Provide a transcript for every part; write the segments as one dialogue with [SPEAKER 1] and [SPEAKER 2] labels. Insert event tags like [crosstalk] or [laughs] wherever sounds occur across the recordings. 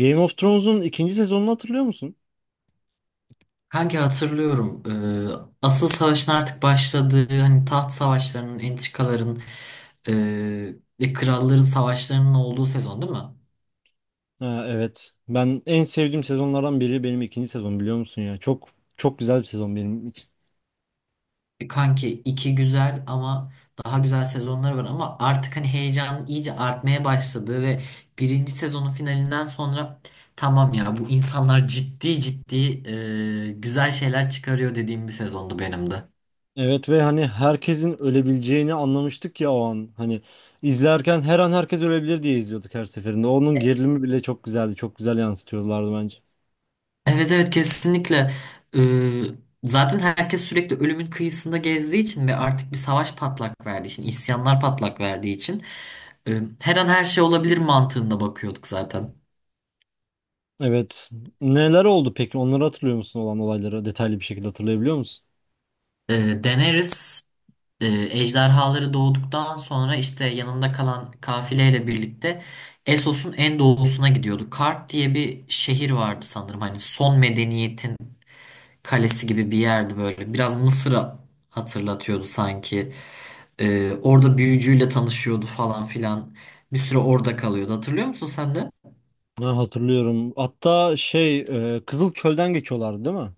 [SPEAKER 1] Game of Thrones'un ikinci sezonunu hatırlıyor musun?
[SPEAKER 2] Hangi hatırlıyorum. Asıl savaşın artık başladığı hani taht savaşlarının, entrikaların e, ve kralların savaşlarının olduğu sezon değil mi?
[SPEAKER 1] Ha, evet. Ben en sevdiğim sezonlardan biri benim ikinci sezon biliyor musun ya? Çok çok güzel bir sezon benim için.
[SPEAKER 2] Kanki iki güzel ama daha güzel sezonları var ama artık hani heyecanın iyice artmaya başladığı ve birinci sezonun finalinden sonra tamam ya bu insanlar ciddi ciddi güzel şeyler çıkarıyor dediğim bir sezondu benim de.
[SPEAKER 1] Evet ve hani herkesin ölebileceğini anlamıştık ya o an. Hani izlerken her an herkes ölebilir diye izliyorduk her seferinde. Onun gerilimi bile çok güzeldi. Çok güzel yansıtıyorlardı bence.
[SPEAKER 2] Evet evet kesinlikle. Ee, Zaten herkes sürekli ölümün kıyısında gezdiği için ve artık bir savaş patlak verdiği için, isyanlar patlak verdiği için her an her şey olabilir mantığında bakıyorduk zaten.
[SPEAKER 1] Evet. Neler oldu peki? Onları hatırlıyor musun olan olayları? Detaylı bir şekilde hatırlayabiliyor musun?
[SPEAKER 2] Daenerys ejderhaları doğduktan sonra işte yanında kalan kafileyle birlikte Essos'un en doğusuna gidiyordu. Kart diye bir şehir vardı sanırım. Hani son medeniyetin kalesi gibi bir yerdi böyle. Biraz Mısır'a hatırlatıyordu sanki. Orada büyücüyle tanışıyordu falan filan. Bir süre orada kalıyordu. Hatırlıyor musun sen de?
[SPEAKER 1] Ha, hatırlıyorum. Hatta şey, Kızıl Çöl'den geçiyorlardı değil mi?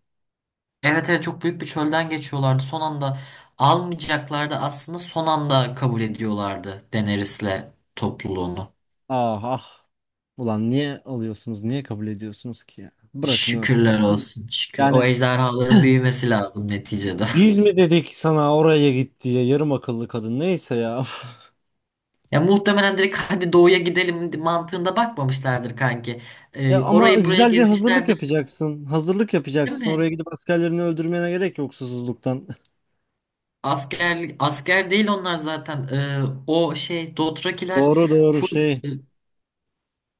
[SPEAKER 2] Evet evet çok büyük bir çölden geçiyorlardı. Son anda almayacaklardı aslında son anda kabul ediyorlardı Daenerys'le topluluğunu.
[SPEAKER 1] Ah ah. Ulan niye alıyorsunuz? Niye kabul ediyorsunuz ki ya? Bırakın ölsün.
[SPEAKER 2] Şükürler olsun. Şükür. O
[SPEAKER 1] Yani
[SPEAKER 2] ejderhaların büyümesi lazım neticede. [laughs]
[SPEAKER 1] biz mi dedik sana oraya git diye yarım akıllı kadın neyse ya.
[SPEAKER 2] Ya muhtemelen direkt hadi doğuya gidelim mantığında bakmamışlardır kanki.
[SPEAKER 1] [laughs] E ama
[SPEAKER 2] Orayı burayı
[SPEAKER 1] güzel bir hazırlık
[SPEAKER 2] gezmişlerdir
[SPEAKER 1] yapacaksın. Hazırlık
[SPEAKER 2] değil
[SPEAKER 1] yapacaksın. Oraya
[SPEAKER 2] mi?
[SPEAKER 1] gidip askerlerini öldürmene gerek yok susuzluktan.
[SPEAKER 2] Asker asker değil onlar zaten. O şey
[SPEAKER 1] [laughs]
[SPEAKER 2] Dothrakiler
[SPEAKER 1] Doğru doğru
[SPEAKER 2] full
[SPEAKER 1] şey.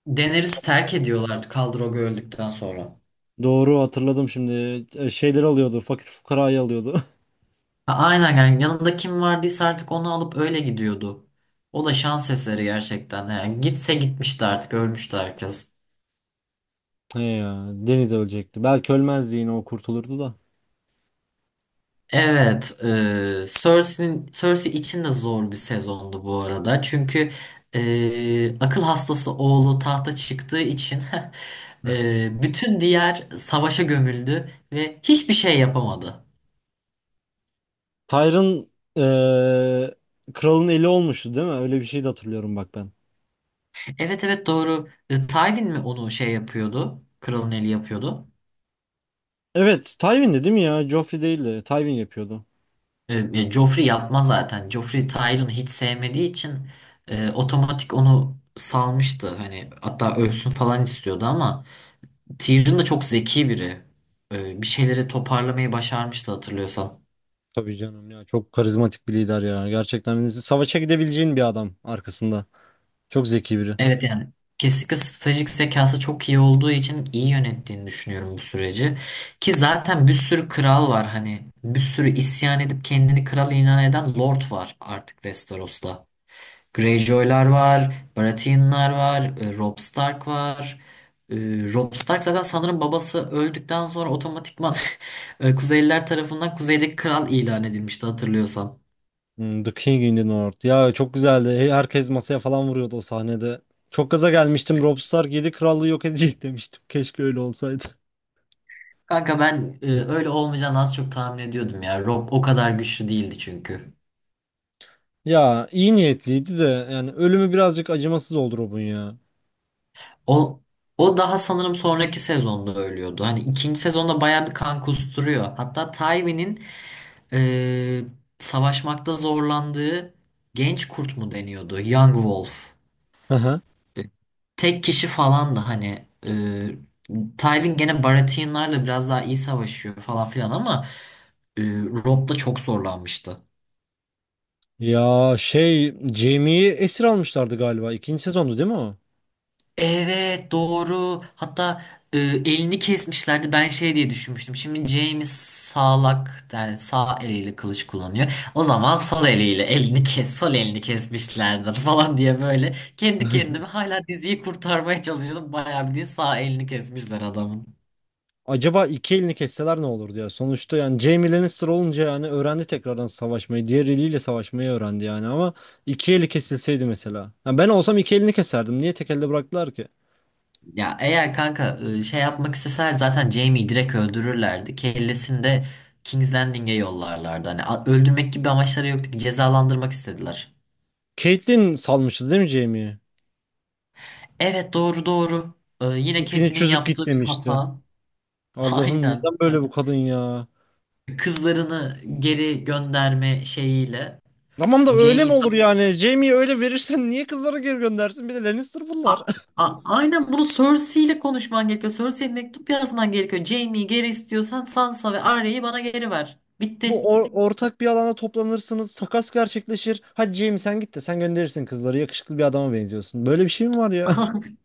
[SPEAKER 2] Daenerys'i terk ediyorlardı Khal-Drogo öldükten sonra.
[SPEAKER 1] Doğru hatırladım şimdi. E, Şeyleri alıyordu. Fakir fukarayı alıyordu.
[SPEAKER 2] Ha, aynen yani yanında kim vardıysa artık onu alıp öyle gidiyordu. O da şans eseri gerçekten. Yani gitse gitmişti artık ölmüştü herkes.
[SPEAKER 1] [laughs] He ya. Deni de ölecekti. Belki ölmezdi yine o kurtulurdu da.
[SPEAKER 2] Evet, Cersei için de zor bir sezondu bu arada. Çünkü akıl hastası oğlu tahta çıktığı için [laughs] bütün diğer savaşa gömüldü ve hiçbir şey yapamadı.
[SPEAKER 1] Tyrion e, kralın eli olmuştu değil mi? Öyle bir şey de hatırlıyorum bak ben.
[SPEAKER 2] Evet evet doğru. Tywin mi onu şey yapıyordu? Kralın eli yapıyordu.
[SPEAKER 1] Evet, Tywin'di değil mi ya? Joffrey değildi. Tywin yapıyordu.
[SPEAKER 2] Joffrey yapmaz zaten. Joffrey Tyrion'u hiç sevmediği için otomatik onu salmıştı. Hani hatta ölsün falan istiyordu ama. Tyrion da çok zeki biri. Bir şeyleri toparlamayı başarmıştı hatırlıyorsan.
[SPEAKER 1] Tabii canım ya çok karizmatik bir lider ya. Gerçekten savaşa gidebileceğin bir adam arkasında. Çok zeki biri.
[SPEAKER 2] Evet yani kesinlikle stratejik zekası çok iyi olduğu için iyi yönettiğini düşünüyorum bu süreci. Ki zaten bir sürü kral var hani bir sürü isyan edip kendini kral ilan eden lord var artık Westeros'ta. Greyjoy'lar var, Baratheon'lar var, Robb Stark var. E, Robb Stark zaten sanırım babası öldükten sonra otomatikman [laughs] Kuzeyliler tarafından kuzeydeki kral ilan edilmişti hatırlıyorsan.
[SPEAKER 1] Hmm, The King in the North. Ya çok güzeldi. Herkes masaya falan vuruyordu o sahnede. Çok gaza gelmiştim. Robb Stark 7 krallığı yok edecek [laughs] demiştim. Keşke öyle olsaydı.
[SPEAKER 2] Kanka ben öyle olmayacağını az çok tahmin ediyordum ya. Rob o kadar güçlü değildi çünkü.
[SPEAKER 1] Ya iyi niyetliydi de yani ölümü birazcık acımasız oldu Robb'un ya.
[SPEAKER 2] O o daha sanırım sonraki sezonda ölüyordu. Hani ikinci sezonda bayağı bir kan kusturuyor. Hatta Tywin'in e, savaşmakta zorlandığı genç kurt mu deniyordu? Young Wolf.
[SPEAKER 1] Hı hı.
[SPEAKER 2] E, Tek kişi falan da hani e, Tywin gene Baratheon'larla biraz daha iyi savaşıyor falan filan ama Rob da çok zorlanmıştı.
[SPEAKER 1] Ya şey Jaime'yi esir almışlardı galiba. İkinci sezondu değil mi o?
[SPEAKER 2] Evet doğru. Hatta elini kesmişlerdi. Ben şey diye düşünmüştüm. Şimdi James sağlak yani sağ eliyle kılıç kullanıyor. O zaman sol eliyle elini kes, sol elini kesmişlerdir [laughs] falan diye böyle kendi kendime hala diziyi kurtarmaya çalışıyordum. Bayağı bildiğin sağ elini kesmişler adamın.
[SPEAKER 1] Acaba iki elini kesseler ne olur diye. Sonuçta yani Jaime Lannister olunca yani öğrendi tekrardan savaşmayı. Diğer eliyle savaşmayı öğrendi yani ama iki eli kesilseydi mesela. Ya ben olsam iki elini keserdim. Niye tek elde bıraktılar ki?
[SPEAKER 2] Ya eğer kanka şey yapmak isteseler zaten Jaime'yi direkt öldürürlerdi. Kellesini de King's Landing'e yollarlardı. Hani öldürmek gibi bir amaçları yoktu ki cezalandırmak istediler.
[SPEAKER 1] Caitlyn salmıştı değil mi Jaime'yi?
[SPEAKER 2] Evet doğru doğru. Yine
[SPEAKER 1] İpini
[SPEAKER 2] Catelyn'in
[SPEAKER 1] çözüp git
[SPEAKER 2] yaptığı bir
[SPEAKER 1] demişti.
[SPEAKER 2] hata. [laughs]
[SPEAKER 1] Allah'ım
[SPEAKER 2] Aynen.
[SPEAKER 1] neden böyle bu kadın ya?
[SPEAKER 2] Kızlarını geri gönderme şeyiyle.
[SPEAKER 1] Tamam da öyle
[SPEAKER 2] Jamie
[SPEAKER 1] mi olur yani? Jaime'yi öyle verirsen niye kızlara geri göndersin? Bir de Lannister
[SPEAKER 2] A-
[SPEAKER 1] bunlar.
[SPEAKER 2] aynen bunu Cersei ile konuşman gerekiyor. Cersei'ye mektup yazman gerekiyor. Jaime'yi geri istiyorsan Sansa ve Arya'yı bana geri ver.
[SPEAKER 1] Bu
[SPEAKER 2] Bitti.
[SPEAKER 1] ortak bir alana toplanırsınız. Takas gerçekleşir. Hadi Jamie sen git de sen gönderirsin kızları. Yakışıklı bir adama benziyorsun. Böyle bir şey mi var ya?
[SPEAKER 2] [laughs]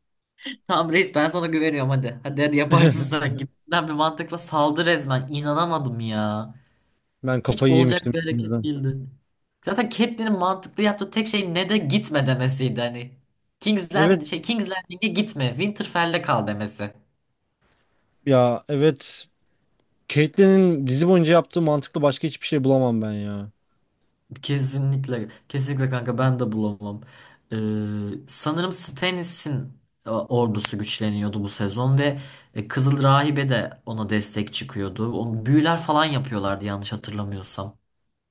[SPEAKER 2] Tamam reis ben sana güveniyorum hadi. Hadi hadi yaparsın
[SPEAKER 1] [laughs]
[SPEAKER 2] sen gibisinden bir mantıkla saldı resmen. İnanamadım ya.
[SPEAKER 1] Ben
[SPEAKER 2] Hiç
[SPEAKER 1] kafayı yemiştim
[SPEAKER 2] olacak bir hareket
[SPEAKER 1] sinirden.
[SPEAKER 2] değildi. Zaten Catelyn'in mantıklı yaptığı tek şey ne de gitme demesiydi hani.
[SPEAKER 1] Evet
[SPEAKER 2] King's Landing'e gitme, Winterfell'de kal demesi.
[SPEAKER 1] ya evet. Caitlyn'in dizi boyunca yaptığı mantıklı başka hiçbir şey bulamam ben ya.
[SPEAKER 2] Kesinlikle, kesinlikle kanka ben de bulamam. Sanırım Stannis'in ordusu güçleniyordu bu sezon ve Kızıl Rahibe de ona destek çıkıyordu. Onu büyüler falan yapıyorlardı yanlış hatırlamıyorsam.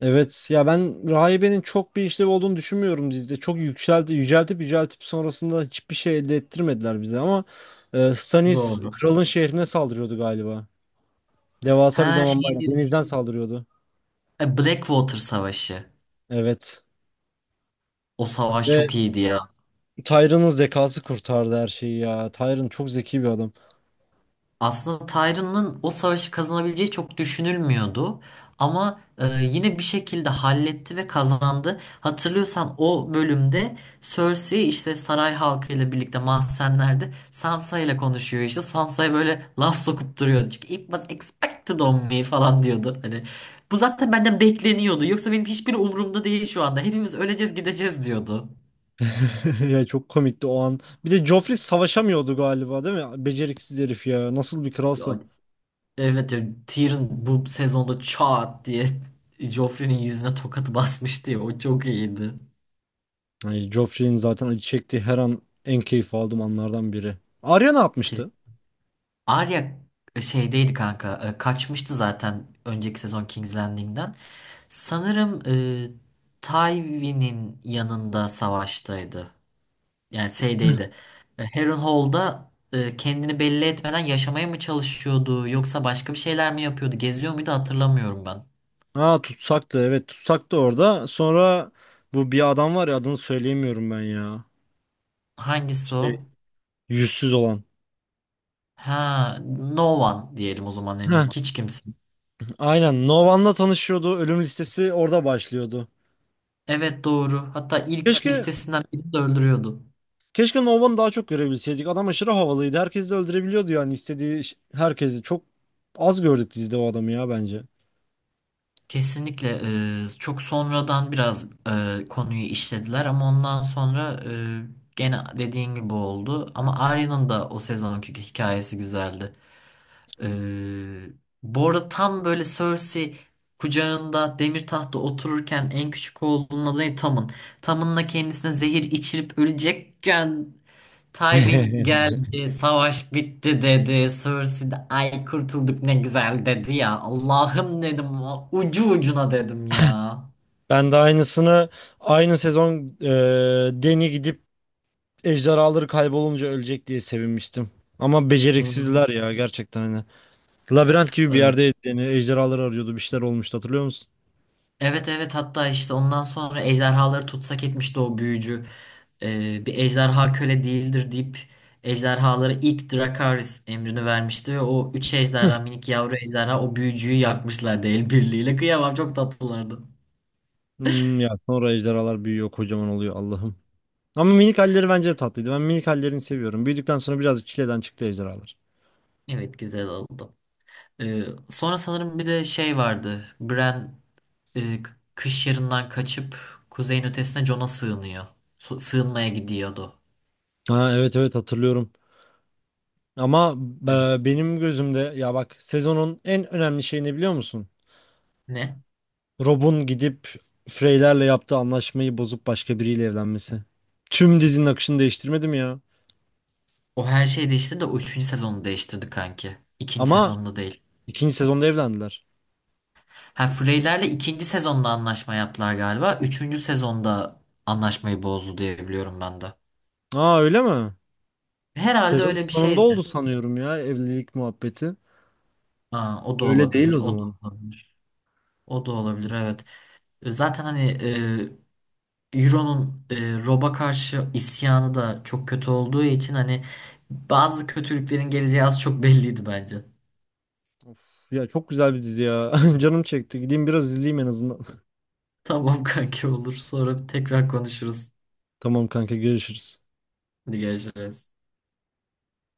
[SPEAKER 1] Evet ya ben Rahibe'nin çok bir işlevi olduğunu düşünmüyorum dizide. Çok yükseldi, yüceltip yüceltip sonrasında hiçbir şey elde ettirmediler bize ama Stannis
[SPEAKER 2] Doğru.
[SPEAKER 1] kralın şehrine saldırıyordu galiba. Devasa bir
[SPEAKER 2] Ha şey
[SPEAKER 1] donanmayla
[SPEAKER 2] diyorsun.
[SPEAKER 1] denizden saldırıyordu.
[SPEAKER 2] Blackwater Savaşı.
[SPEAKER 1] Evet.
[SPEAKER 2] O savaş
[SPEAKER 1] Ve
[SPEAKER 2] çok iyiydi ya.
[SPEAKER 1] Tyron'un zekası kurtardı her şeyi ya. Tyron çok zeki bir adam.
[SPEAKER 2] Aslında Tyrion'un o savaşı kazanabileceği çok düşünülmüyordu. Ama yine bir şekilde halletti ve kazandı. Hatırlıyorsan o bölümde Cersei işte saray halkıyla birlikte mahzenlerde Sansa ile konuşuyor işte. Sansa'ya böyle laf sokup duruyor. Çünkü it was expected on me falan diyordu. Hani bu zaten benden bekleniyordu. Yoksa benim hiçbir umurumda değil şu anda. Hepimiz öleceğiz gideceğiz diyordu.
[SPEAKER 1] [laughs] Ya çok komikti o an. Bir de Joffrey savaşamıyordu galiba değil mi? Beceriksiz herif ya. Nasıl bir kralsa.
[SPEAKER 2] Evet ya Tyrion bu sezonda çat diye [laughs] Joffrey'nin yüzüne tokat basmıştı ya o çok iyiydi.
[SPEAKER 1] Ay, Joffrey'in zaten acı çektiği her an en keyif aldığım anlardan biri. Arya ne
[SPEAKER 2] Ki
[SPEAKER 1] yapmıştı?
[SPEAKER 2] Arya şeydeydi kanka kaçmıştı zaten önceki sezon King's Landing'den. Sanırım Tywin'in yanında savaştaydı. Yani şeydeydi. Harrenhal'da kendini belli etmeden yaşamaya mı çalışıyordu yoksa başka bir şeyler mi yapıyordu geziyor muydu hatırlamıyorum ben.
[SPEAKER 1] Ha tutsaktı evet tutsaktı orada. Sonra bu bir adam var ya adını söyleyemiyorum ben ya.
[SPEAKER 2] Hangisi
[SPEAKER 1] Şey,
[SPEAKER 2] o?
[SPEAKER 1] yüzsüz olan.
[SPEAKER 2] Ha, no one diyelim o zaman hani
[SPEAKER 1] Heh,
[SPEAKER 2] hiç kimse.
[SPEAKER 1] aynen Novan'la tanışıyordu. Ölüm listesi orada başlıyordu.
[SPEAKER 2] Evet doğru. Hatta ilk
[SPEAKER 1] Keşke
[SPEAKER 2] listesinden birini de öldürüyordu.
[SPEAKER 1] Keşke Nova'nı daha çok görebilseydik. Adam aşırı havalıydı. Herkesi de öldürebiliyordu yani istediği herkesi. Çok az gördük dizide o adamı ya bence.
[SPEAKER 2] Kesinlikle çok sonradan biraz konuyu işlediler ama ondan sonra gene dediğin gibi oldu. Ama Arya'nın da o sezonki hikayesi güzeldi. E, Bu arada tam böyle Cersei kucağında demir tahtta otururken en küçük oğlunun adı ne? Tom'un. Tom'unla kendisine zehir içirip ölecekken Tywin
[SPEAKER 1] [laughs]
[SPEAKER 2] geldi, savaş bitti dedi. Cersei de ay kurtulduk ne güzel dedi ya. Allah'ım dedim ucu ucuna dedim ya.
[SPEAKER 1] Ben de aynısını aynı sezon Deni gidip ejderhaları kaybolunca ölecek diye sevinmiştim. Ama
[SPEAKER 2] Hı,
[SPEAKER 1] beceriksizler ya gerçekten hani. Labirent gibi bir
[SPEAKER 2] e,
[SPEAKER 1] yerdeydi Deni. Ejderhaları arıyordu. Bir şeyler olmuştu hatırlıyor musun?
[SPEAKER 2] Evet evet hatta işte ondan sonra ejderhaları tutsak etmişti o büyücü. Bir ejderha köle değildir deyip ejderhalara ilk Drakaris emrini vermişti ve o üç ejderha minik yavru ejderha o büyücüyü yakmışlardı el birliğiyle. Kıyamam çok tatlılardı.
[SPEAKER 1] Hmm, ya sonra ejderhalar büyüyor kocaman oluyor Allah'ım. Ama minik halleri bence de tatlıydı. Ben minik hallerini seviyorum. Büyüdükten sonra birazcık çileden çıktı ejderhalar.
[SPEAKER 2] Evet güzel oldu. Ee, Sonra sanırım bir de şey vardı. Bran kış yarından kaçıp kuzeyin ötesine Jon'a sığınıyor. Sığınmaya gidiyordu.
[SPEAKER 1] Ha, evet evet hatırlıyorum. Ama
[SPEAKER 2] Ee,
[SPEAKER 1] benim gözümde ya bak sezonun en önemli şeyini biliyor musun?
[SPEAKER 2] Ne?
[SPEAKER 1] Rob'un gidip Frey'lerle yaptığı anlaşmayı bozup başka biriyle evlenmesi. Tüm dizinin akışını değiştirmedi mi ya?
[SPEAKER 2] O her şeyi değiştirdi de o üçüncü sezonu değiştirdi kanki. İkinci
[SPEAKER 1] Ama
[SPEAKER 2] sezonda değil.
[SPEAKER 1] ikinci sezonda evlendiler.
[SPEAKER 2] Ha Freyler'le ikinci sezonda anlaşma yaptılar galiba. Üçüncü sezonda anlaşmayı bozdu diye biliyorum ben de.
[SPEAKER 1] Aa öyle mi?
[SPEAKER 2] Herhalde
[SPEAKER 1] Sezon
[SPEAKER 2] öyle bir
[SPEAKER 1] sonunda
[SPEAKER 2] şeydi.
[SPEAKER 1] oldu sanıyorum ya evlilik muhabbeti.
[SPEAKER 2] Ha, o da
[SPEAKER 1] Öyle değil
[SPEAKER 2] olabilir.
[SPEAKER 1] o
[SPEAKER 2] O da
[SPEAKER 1] zaman.
[SPEAKER 2] olabilir. O da olabilir evet. Zaten hani Euro'nun Rob'a karşı isyanı da çok kötü olduğu için hani bazı kötülüklerin geleceği az çok belliydi bence.
[SPEAKER 1] Of, ya çok güzel bir dizi ya. [laughs] Canım çekti. Gideyim biraz izleyeyim en azından.
[SPEAKER 2] Tamam [laughs] kanki olur. Sonra tekrar konuşuruz.
[SPEAKER 1] [laughs] Tamam kanka görüşürüz.
[SPEAKER 2] Hadi görüşürüz.